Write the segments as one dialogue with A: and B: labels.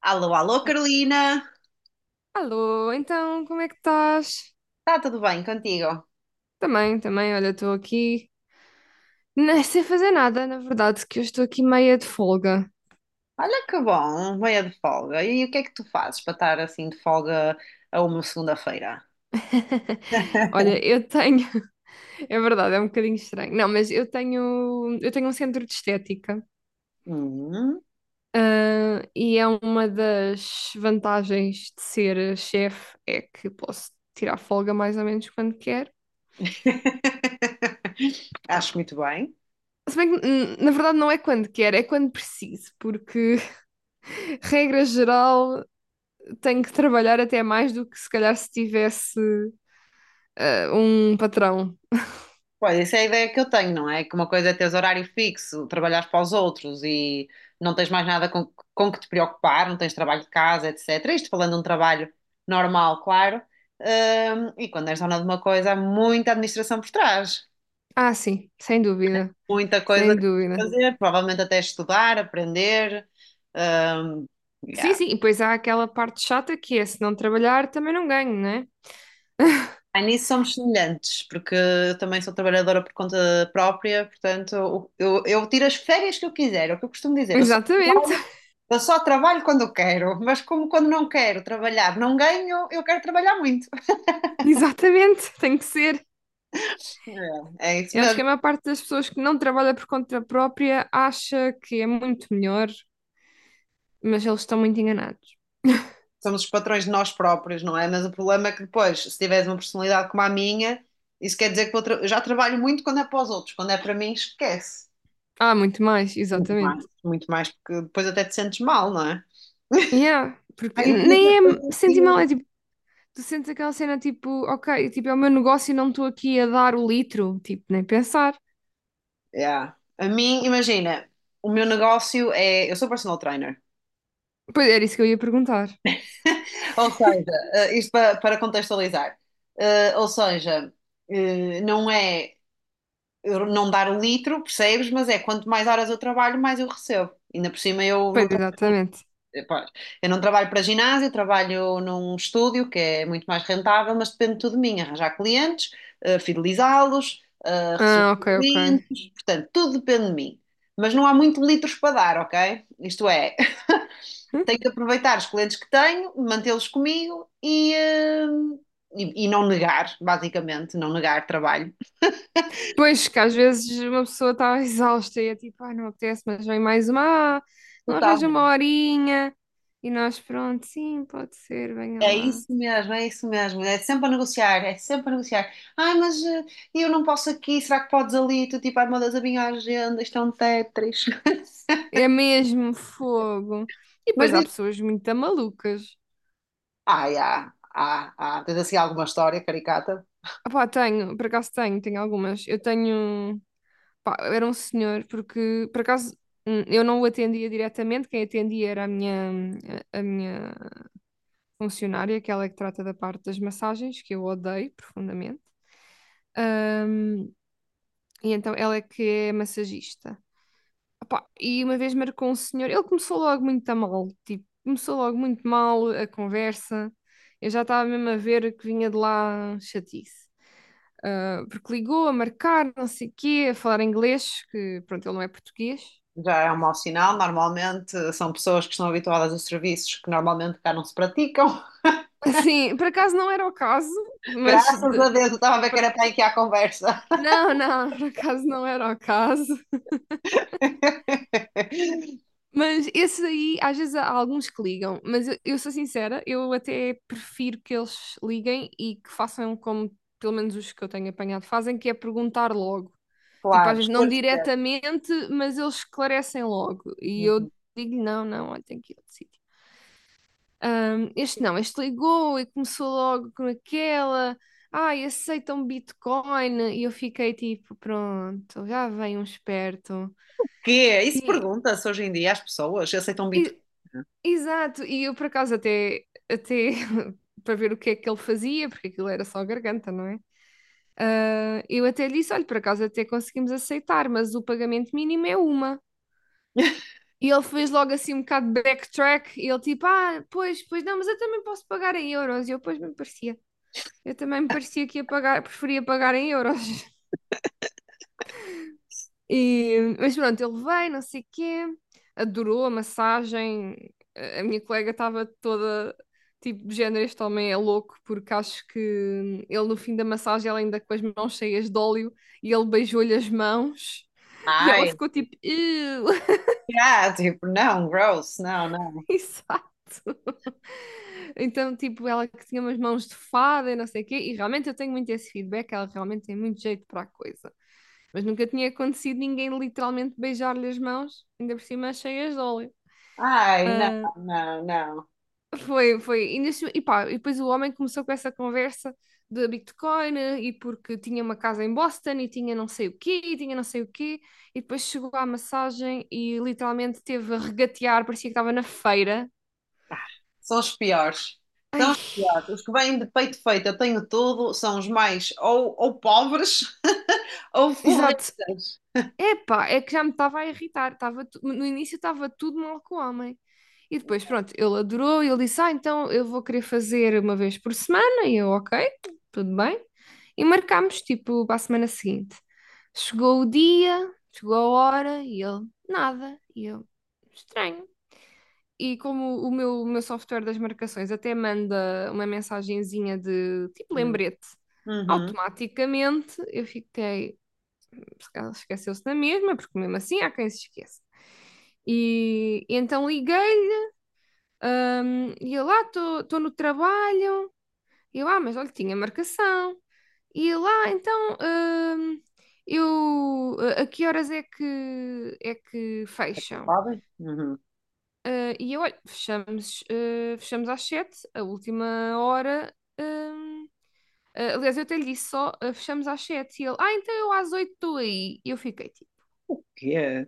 A: Alô, alô, Carolina.
B: Alô, então, como é que estás?
A: Está tudo bem contigo?
B: Também, também, olha, estou aqui nem sem fazer nada, na verdade, que eu estou aqui meia de folga.
A: Olha que bom, meia de folga. E o que é que tu fazes para estar assim de folga a uma segunda-feira?
B: Olha, eu tenho, é verdade, é um bocadinho estranho. Não, mas eu tenho um centro de estética,
A: Hum.
B: e é uma das vantagens de ser chefe é que posso tirar folga mais ou menos quando quero.
A: Acho muito bem.
B: Se bem que, na verdade, não é quando quero, é quando preciso, porque, regra geral, tenho que trabalhar até mais do que se calhar se tivesse um patrão.
A: Pois, essa é a ideia que eu tenho, não é? Que uma coisa é teres horário fixo, trabalhares para os outros e não tens mais nada com que te preocupar, não tens trabalho de casa, etc. Isto falando de um trabalho normal, claro. E quando és dona de uma coisa, há muita administração por trás.
B: Ah, sim, sem dúvida.
A: Muita coisa
B: Sem
A: que
B: dúvida.
A: fazer, provavelmente até estudar, aprender. hum,
B: Sim,
A: yeah.
B: sim, e pois há aquela parte chata que é se não trabalhar também não ganho, não é?
A: Ah, nisso somos semelhantes, porque eu também sou trabalhadora por conta própria, portanto, eu tiro as férias que eu quiser, é o que eu costumo dizer, eu só
B: Exatamente,
A: trabalho, eu só trabalho quando eu quero, mas como quando não quero trabalhar, não ganho, eu quero trabalhar muito.
B: exatamente, tem que ser.
A: É isso
B: Eu acho
A: mesmo.
B: que a maior parte das pessoas que não trabalha por conta própria acha que é muito melhor, mas eles estão muito enganados.
A: Somos os patrões de nós próprios, não é? Mas o problema é que depois, se tiveres uma personalidade como a minha, isso quer dizer que eu já trabalho muito quando é para os outros, quando é para mim, esquece.
B: Ah, muito mais, exatamente.
A: Muito mais, porque depois até te sentes mal, não é?
B: Yeah, porque
A: Ai, eu podia
B: nem é
A: ter
B: sentir mal,
A: pedido.
B: é tipo, tu sentes aquela cena tipo, ok, tipo, é o meu negócio e não estou aqui a dar o litro, tipo, nem pensar.
A: Yeah. A mim, imagina, o meu negócio é. Eu sou personal trainer.
B: Pois era isso que eu ia perguntar.
A: Ou seja, isto para contextualizar. Ou seja, não é eu não dar o litro, percebes? Mas é quanto mais horas eu trabalho, mais eu recebo. Ainda por cima eu
B: Pois,
A: não.
B: exatamente.
A: Pois. Eu não trabalho para ginásio, trabalho num estúdio que é muito mais rentável, mas depende tudo de mim, arranjar clientes, fidelizá-los, receber
B: Ah, ok, ok.
A: clientes, portanto, tudo depende de mim. Mas não há muito litros para dar, ok? Isto é,
B: Hum?
A: tenho que aproveitar os clientes que tenho, mantê-los comigo e não negar, basicamente, não negar trabalho.
B: Pois, que às vezes uma pessoa está exausta e é tipo, ah, não apetece, mas vem mais uma, ah, não
A: Total.
B: arranja uma horinha. E nós, pronto, sim, pode ser, venha
A: É
B: lá.
A: isso mesmo, é isso mesmo. É sempre a negociar, é sempre a negociar. Ai, mas eu não posso aqui, será que podes ali? Tu tipo, ai meu Deus, a minha agenda, isto é um Tetris.
B: É mesmo fogo. E
A: Mas
B: depois há
A: diz,
B: pessoas muito malucas.
A: ai, tens assim alguma história caricata?
B: Ah, pá, tenho, por acaso tenho, tenho algumas. Eu tenho. Pá, era um senhor, porque por acaso eu não o atendia diretamente, quem atendia era a minha, a minha funcionária, que aquela que trata da parte das massagens, que eu odeio profundamente. Hum, e então ela é que é massagista. Opá, e uma vez marcou um senhor, ele começou logo muito a mal, tipo, começou logo muito mal a conversa. Eu já estava mesmo a ver que vinha de lá chatice. Ah, porque ligou a marcar, não sei o quê, a falar inglês, que pronto, ele não é português.
A: Já é um mau sinal, normalmente são pessoas que estão habituadas a serviços que normalmente cá não se praticam.
B: Sim, por acaso não era o caso, mas
A: Graças a Deus, eu estava a ver que
B: por-
A: era para aqui a conversa.
B: não, não, por acaso não era o caso. Mas esses aí, às vezes há alguns que ligam, mas eu sou sincera, eu até prefiro que eles liguem e que façam como pelo menos os que eu tenho apanhado fazem, que é perguntar logo. Tipo, às
A: Claro,
B: vezes não
A: esclarecer.
B: diretamente, mas eles esclarecem logo. E eu
A: Uhum.
B: digo, não, não, olha, tenho que ir ao. Este não, este ligou e começou logo com aquela. Ai, aceitam Bitcoin. E eu fiquei tipo, pronto, já vem um esperto.
A: Que é, isso
B: E,
A: pergunta-se hoje em dia às pessoas, se aceitam Bitcoin.
B: e- exato, e eu por acaso até, até para ver o que é que ele fazia, porque aquilo era só garganta, não é? Ah, eu até lhe disse, olha, por acaso até conseguimos aceitar, mas o pagamento mínimo é uma. E ele fez logo assim um bocado de backtrack, e ele tipo, ah, pois, pois não, mas eu também posso pagar em euros. E eu, pois, me parecia. Eu também me parecia que ia pagar, preferia pagar em euros. E, mas pronto, ele veio, não sei o quê, adorou a massagem. A minha colega estava toda tipo de género, este homem é louco, porque acho que ele no fim da massagem, ela ainda com as mãos cheias de óleo, e ele beijou-lhe as mãos, e ela
A: Ai,
B: ficou tipo,
A: tipo, não, gross, não, não.
B: exato. Então, tipo, ela que tinha umas mãos de fada e não sei o quê, e realmente eu tenho muito esse feedback, ela realmente tem muito jeito para a coisa. Mas nunca tinha acontecido ninguém literalmente beijar-lhe as mãos, ainda por cima cheias de óleo.
A: Ai, não,
B: Ah,
A: não, não.
B: foi, foi. E, e pá, e depois o homem começou com essa conversa de Bitcoin e porque tinha uma casa em Boston e tinha não sei o quê, e tinha não sei o quê, e depois chegou à massagem e literalmente teve a regatear, parecia que estava na feira.
A: São os piores.
B: Ai,
A: Piores. Os que vêm de peito feito, eu tenho tudo, são os mais ou pobres ou
B: exato,
A: forretas.
B: epá, é que já me estava a irritar. No início estava tudo mal com o homem. E depois, pronto, ele adorou, e ele disse: Ah, então eu vou querer fazer uma vez por semana. E eu, ok, tudo bem. E marcámos, tipo, para a semana seguinte. Chegou o dia, chegou a hora, e ele, nada. E eu, estranho. E como o meu software das marcações até manda uma mensagenzinha de tipo
A: Hum.
B: lembrete
A: Uhum.
B: automaticamente, eu fiquei, porque ela esqueceu-se da mesma, porque mesmo assim há quem se esqueça. E então liguei-lhe e eu lá estou no trabalho, e eu, lá, ah, mas olha, tinha marcação. E eu lá, então, eu, a que horas é que fecham?
A: Pobre? Uhum.
B: Ah, e eu, olha, fechamos, ah, fechamos às sete, a última hora. hum, ah, aliás, eu até lhe disse só, ah, fechamos às sete. E ele, ah, então eu às oito estou aí. E eu fiquei tipo.
A: O quê?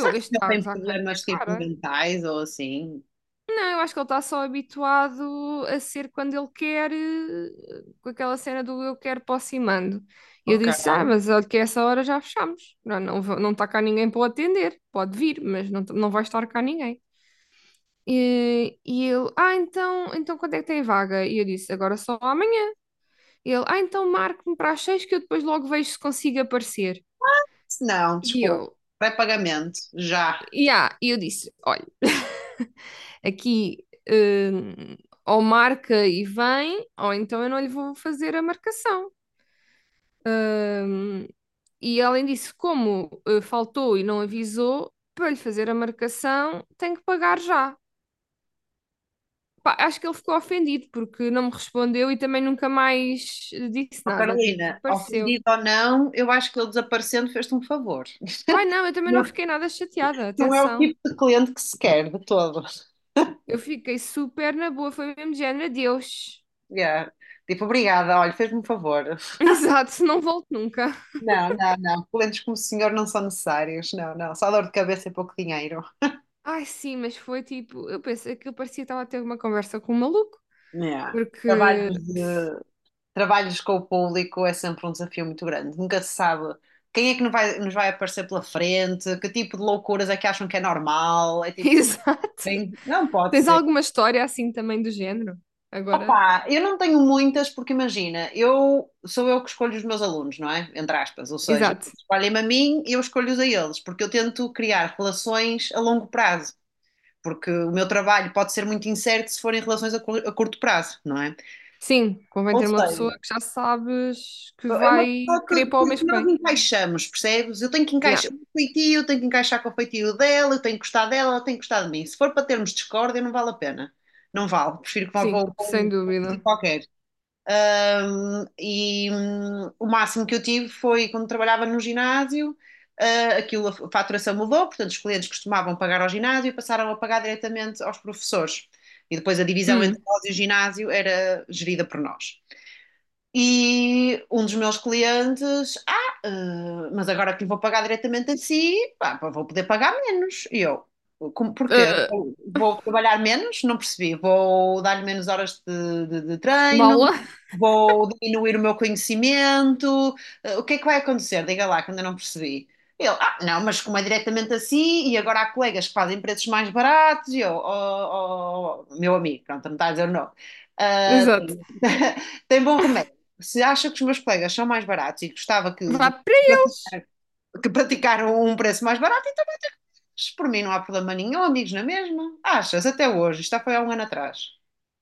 B: Eu,
A: que
B: este
A: já
B: está a
A: tem
B: gozar com a minha
A: problemas tipo
B: cara.
A: mentais ou assim?
B: Não, eu acho que ele está só habituado a ser quando ele quer, com aquela cena do eu quero, posso e mando. E eu
A: Ok.
B: disse, ah, mas olha que a essa hora já fechamos. Não, não, não está cá ninguém para o atender. Pode vir, mas não, não vai estar cá ninguém. E ele, ah, então, então quando é que tem vaga? E eu disse, agora só amanhã. E ele, ah, então marque-me para as seis que eu depois logo vejo se consigo aparecer.
A: Não,
B: E
A: desculpa.
B: eu,
A: Vai pagamento, já.
B: yeah, e eu disse, olha. Aqui hum, ou marca e vem, ou então eu não lhe vou fazer a marcação. Hum, e além disso, como faltou e não avisou, para lhe fazer a marcação, tem que pagar já. Pá, acho que ele ficou ofendido porque não me respondeu e também nunca mais disse
A: Ó
B: nada, tipo,
A: Carolina,
B: desapareceu.
A: ofendido ou não, eu acho que ele desaparecendo fez-te um favor.
B: Ai não, eu também não
A: Não,
B: fiquei nada chateada,
A: não é o
B: atenção.
A: tipo de cliente que se quer, de todo.
B: Eu fiquei super na boa, foi mesmo de género, adeus.
A: Yeah. Tipo, obrigada, olha, fez-me um favor.
B: Exato, não volto nunca.
A: Não, não, não. Clientes como o senhor não são necessários. Não, não. Só dor de cabeça e pouco dinheiro.
B: Ai, sim, mas foi tipo, eu pensei que eu parecia que estava a ter uma conversa com um maluco,
A: Yeah.
B: porque.
A: Trabalhos, trabalhos com o público é sempre um desafio muito grande. Nunca se sabe quem é que nos vai aparecer pela frente, que tipo de loucuras é que acham que é normal. É tipo,
B: Exato.
A: bem, não pode
B: Tens
A: ser.
B: alguma história assim também do género? Agora?
A: Opa, eu não tenho muitas porque imagina, eu sou eu que escolho os meus alunos, não é? Entre aspas, ou seja,
B: Exato.
A: escolhem-me a mim e eu escolho-os a eles, porque eu tento criar relações a longo prazo, porque o meu trabalho pode ser muito incerto se forem relações a curto prazo, não é?
B: Sim, convém
A: Ou
B: ter uma pessoa
A: seja,
B: que já sabes que
A: é
B: vai
A: uma pessoa
B: querer
A: que,
B: para o
A: que-
B: mês
A: que
B: que
A: nós
B: vem.
A: encaixamos, percebes? Eu tenho que
B: Yeah,
A: encaixar o feitio, tenho que encaixar com o feitio dela, eu tenho que gostar dela, ela tem que gostar de mim. Se for para termos discórdia, não vale a pena. Não vale, prefiro que vá para
B: sim,
A: um para
B: sem
A: um sítio
B: dúvida.
A: qualquer. O máximo que eu tive foi quando trabalhava no ginásio, aquilo, a faturação mudou, portanto, os clientes costumavam pagar ao ginásio e passaram a pagar diretamente aos professores. E depois a divisão entre
B: Hum.
A: nós e o ginásio era gerida por nós. E um dos meus clientes, mas agora que lhe vou pagar diretamente a si, pá, pá, vou poder pagar menos. E eu, como, porquê?
B: eh,
A: Vou trabalhar menos? Não percebi. Vou dar-lhe menos horas de treino,
B: mala?
A: vou diminuir o meu conhecimento. O que é que vai acontecer? Diga lá, que ainda não percebi. Ele, não, mas como é diretamente assim, e agora há colegas que fazem preços mais baratos, e eu, meu amigo, pronto, não está a dizer não. Ah,
B: Exato.
A: tem, tem bom remédio. Se acha que os meus colegas são mais baratos e gostava que,
B: Vá
A: de-
B: para eles.
A: que praticaram um preço mais barato, então vai ter que. Por mim não há problema nenhum, amigos na mesma. Achas? Até hoje. Isto já foi há um ano atrás.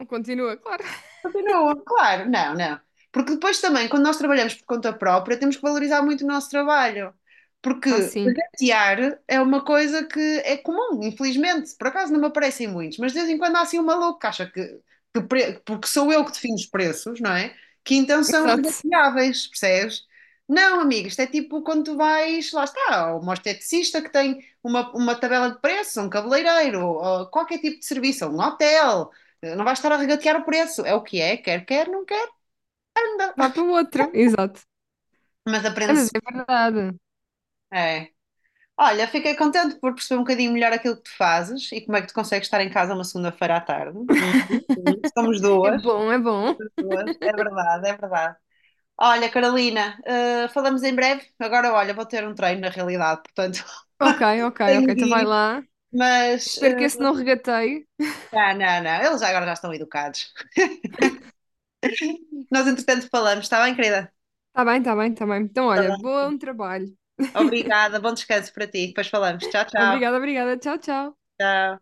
B: Continua, claro.
A: Continua, claro, não, não. Porque depois também, quando nós trabalhamos por conta própria, temos que valorizar muito o nosso trabalho. Porque
B: Ah, sim.
A: latear é uma coisa que é comum, infelizmente. Por acaso não me aparecem muitos, mas de vez em quando há assim um maluco que acha que, porque sou eu que defino os preços, não é? Que então são
B: Exato.
A: regateáveis, percebes? Não, amigo, isto é tipo quando tu vais, lá está, ou uma esteticista que tem uma tabela de preços, ou um cabeleireiro, ou qualquer tipo de serviço, ou um hotel. Não vais estar a regatear o preço. É o que é, quer, não quer, anda.
B: Vá para o outro. Exato.
A: Mas
B: É, mas
A: aprende-se.
B: é verdade.
A: É. Olha, fiquei contente por perceber um bocadinho melhor aquilo que tu fazes e como é que tu consegues estar em casa uma segunda-feira à tarde. Uhum, uhum. Somos
B: É
A: duas,
B: bom, é bom.
A: duas. É verdade, é verdade. Olha, Carolina, falamos em breve. Agora, olha, vou ter um treino na realidade, portanto,
B: Ok, ok,
A: tenho
B: ok.
A: de
B: Então vai
A: ir.
B: lá.
A: Mas,
B: Espero que esse não regateie.
A: não, não, não, eles agora já estão educados. Nós, entretanto, falamos, está bem, querida?
B: Tá bem, tá bem, tá bem. Então,
A: Tá
B: olha,
A: bem.
B: bom trabalho.
A: Obrigada, bom descanso para ti. Depois falamos. Tchau, tchau.
B: Obrigada, obrigada. Tchau, tchau.
A: Tchau.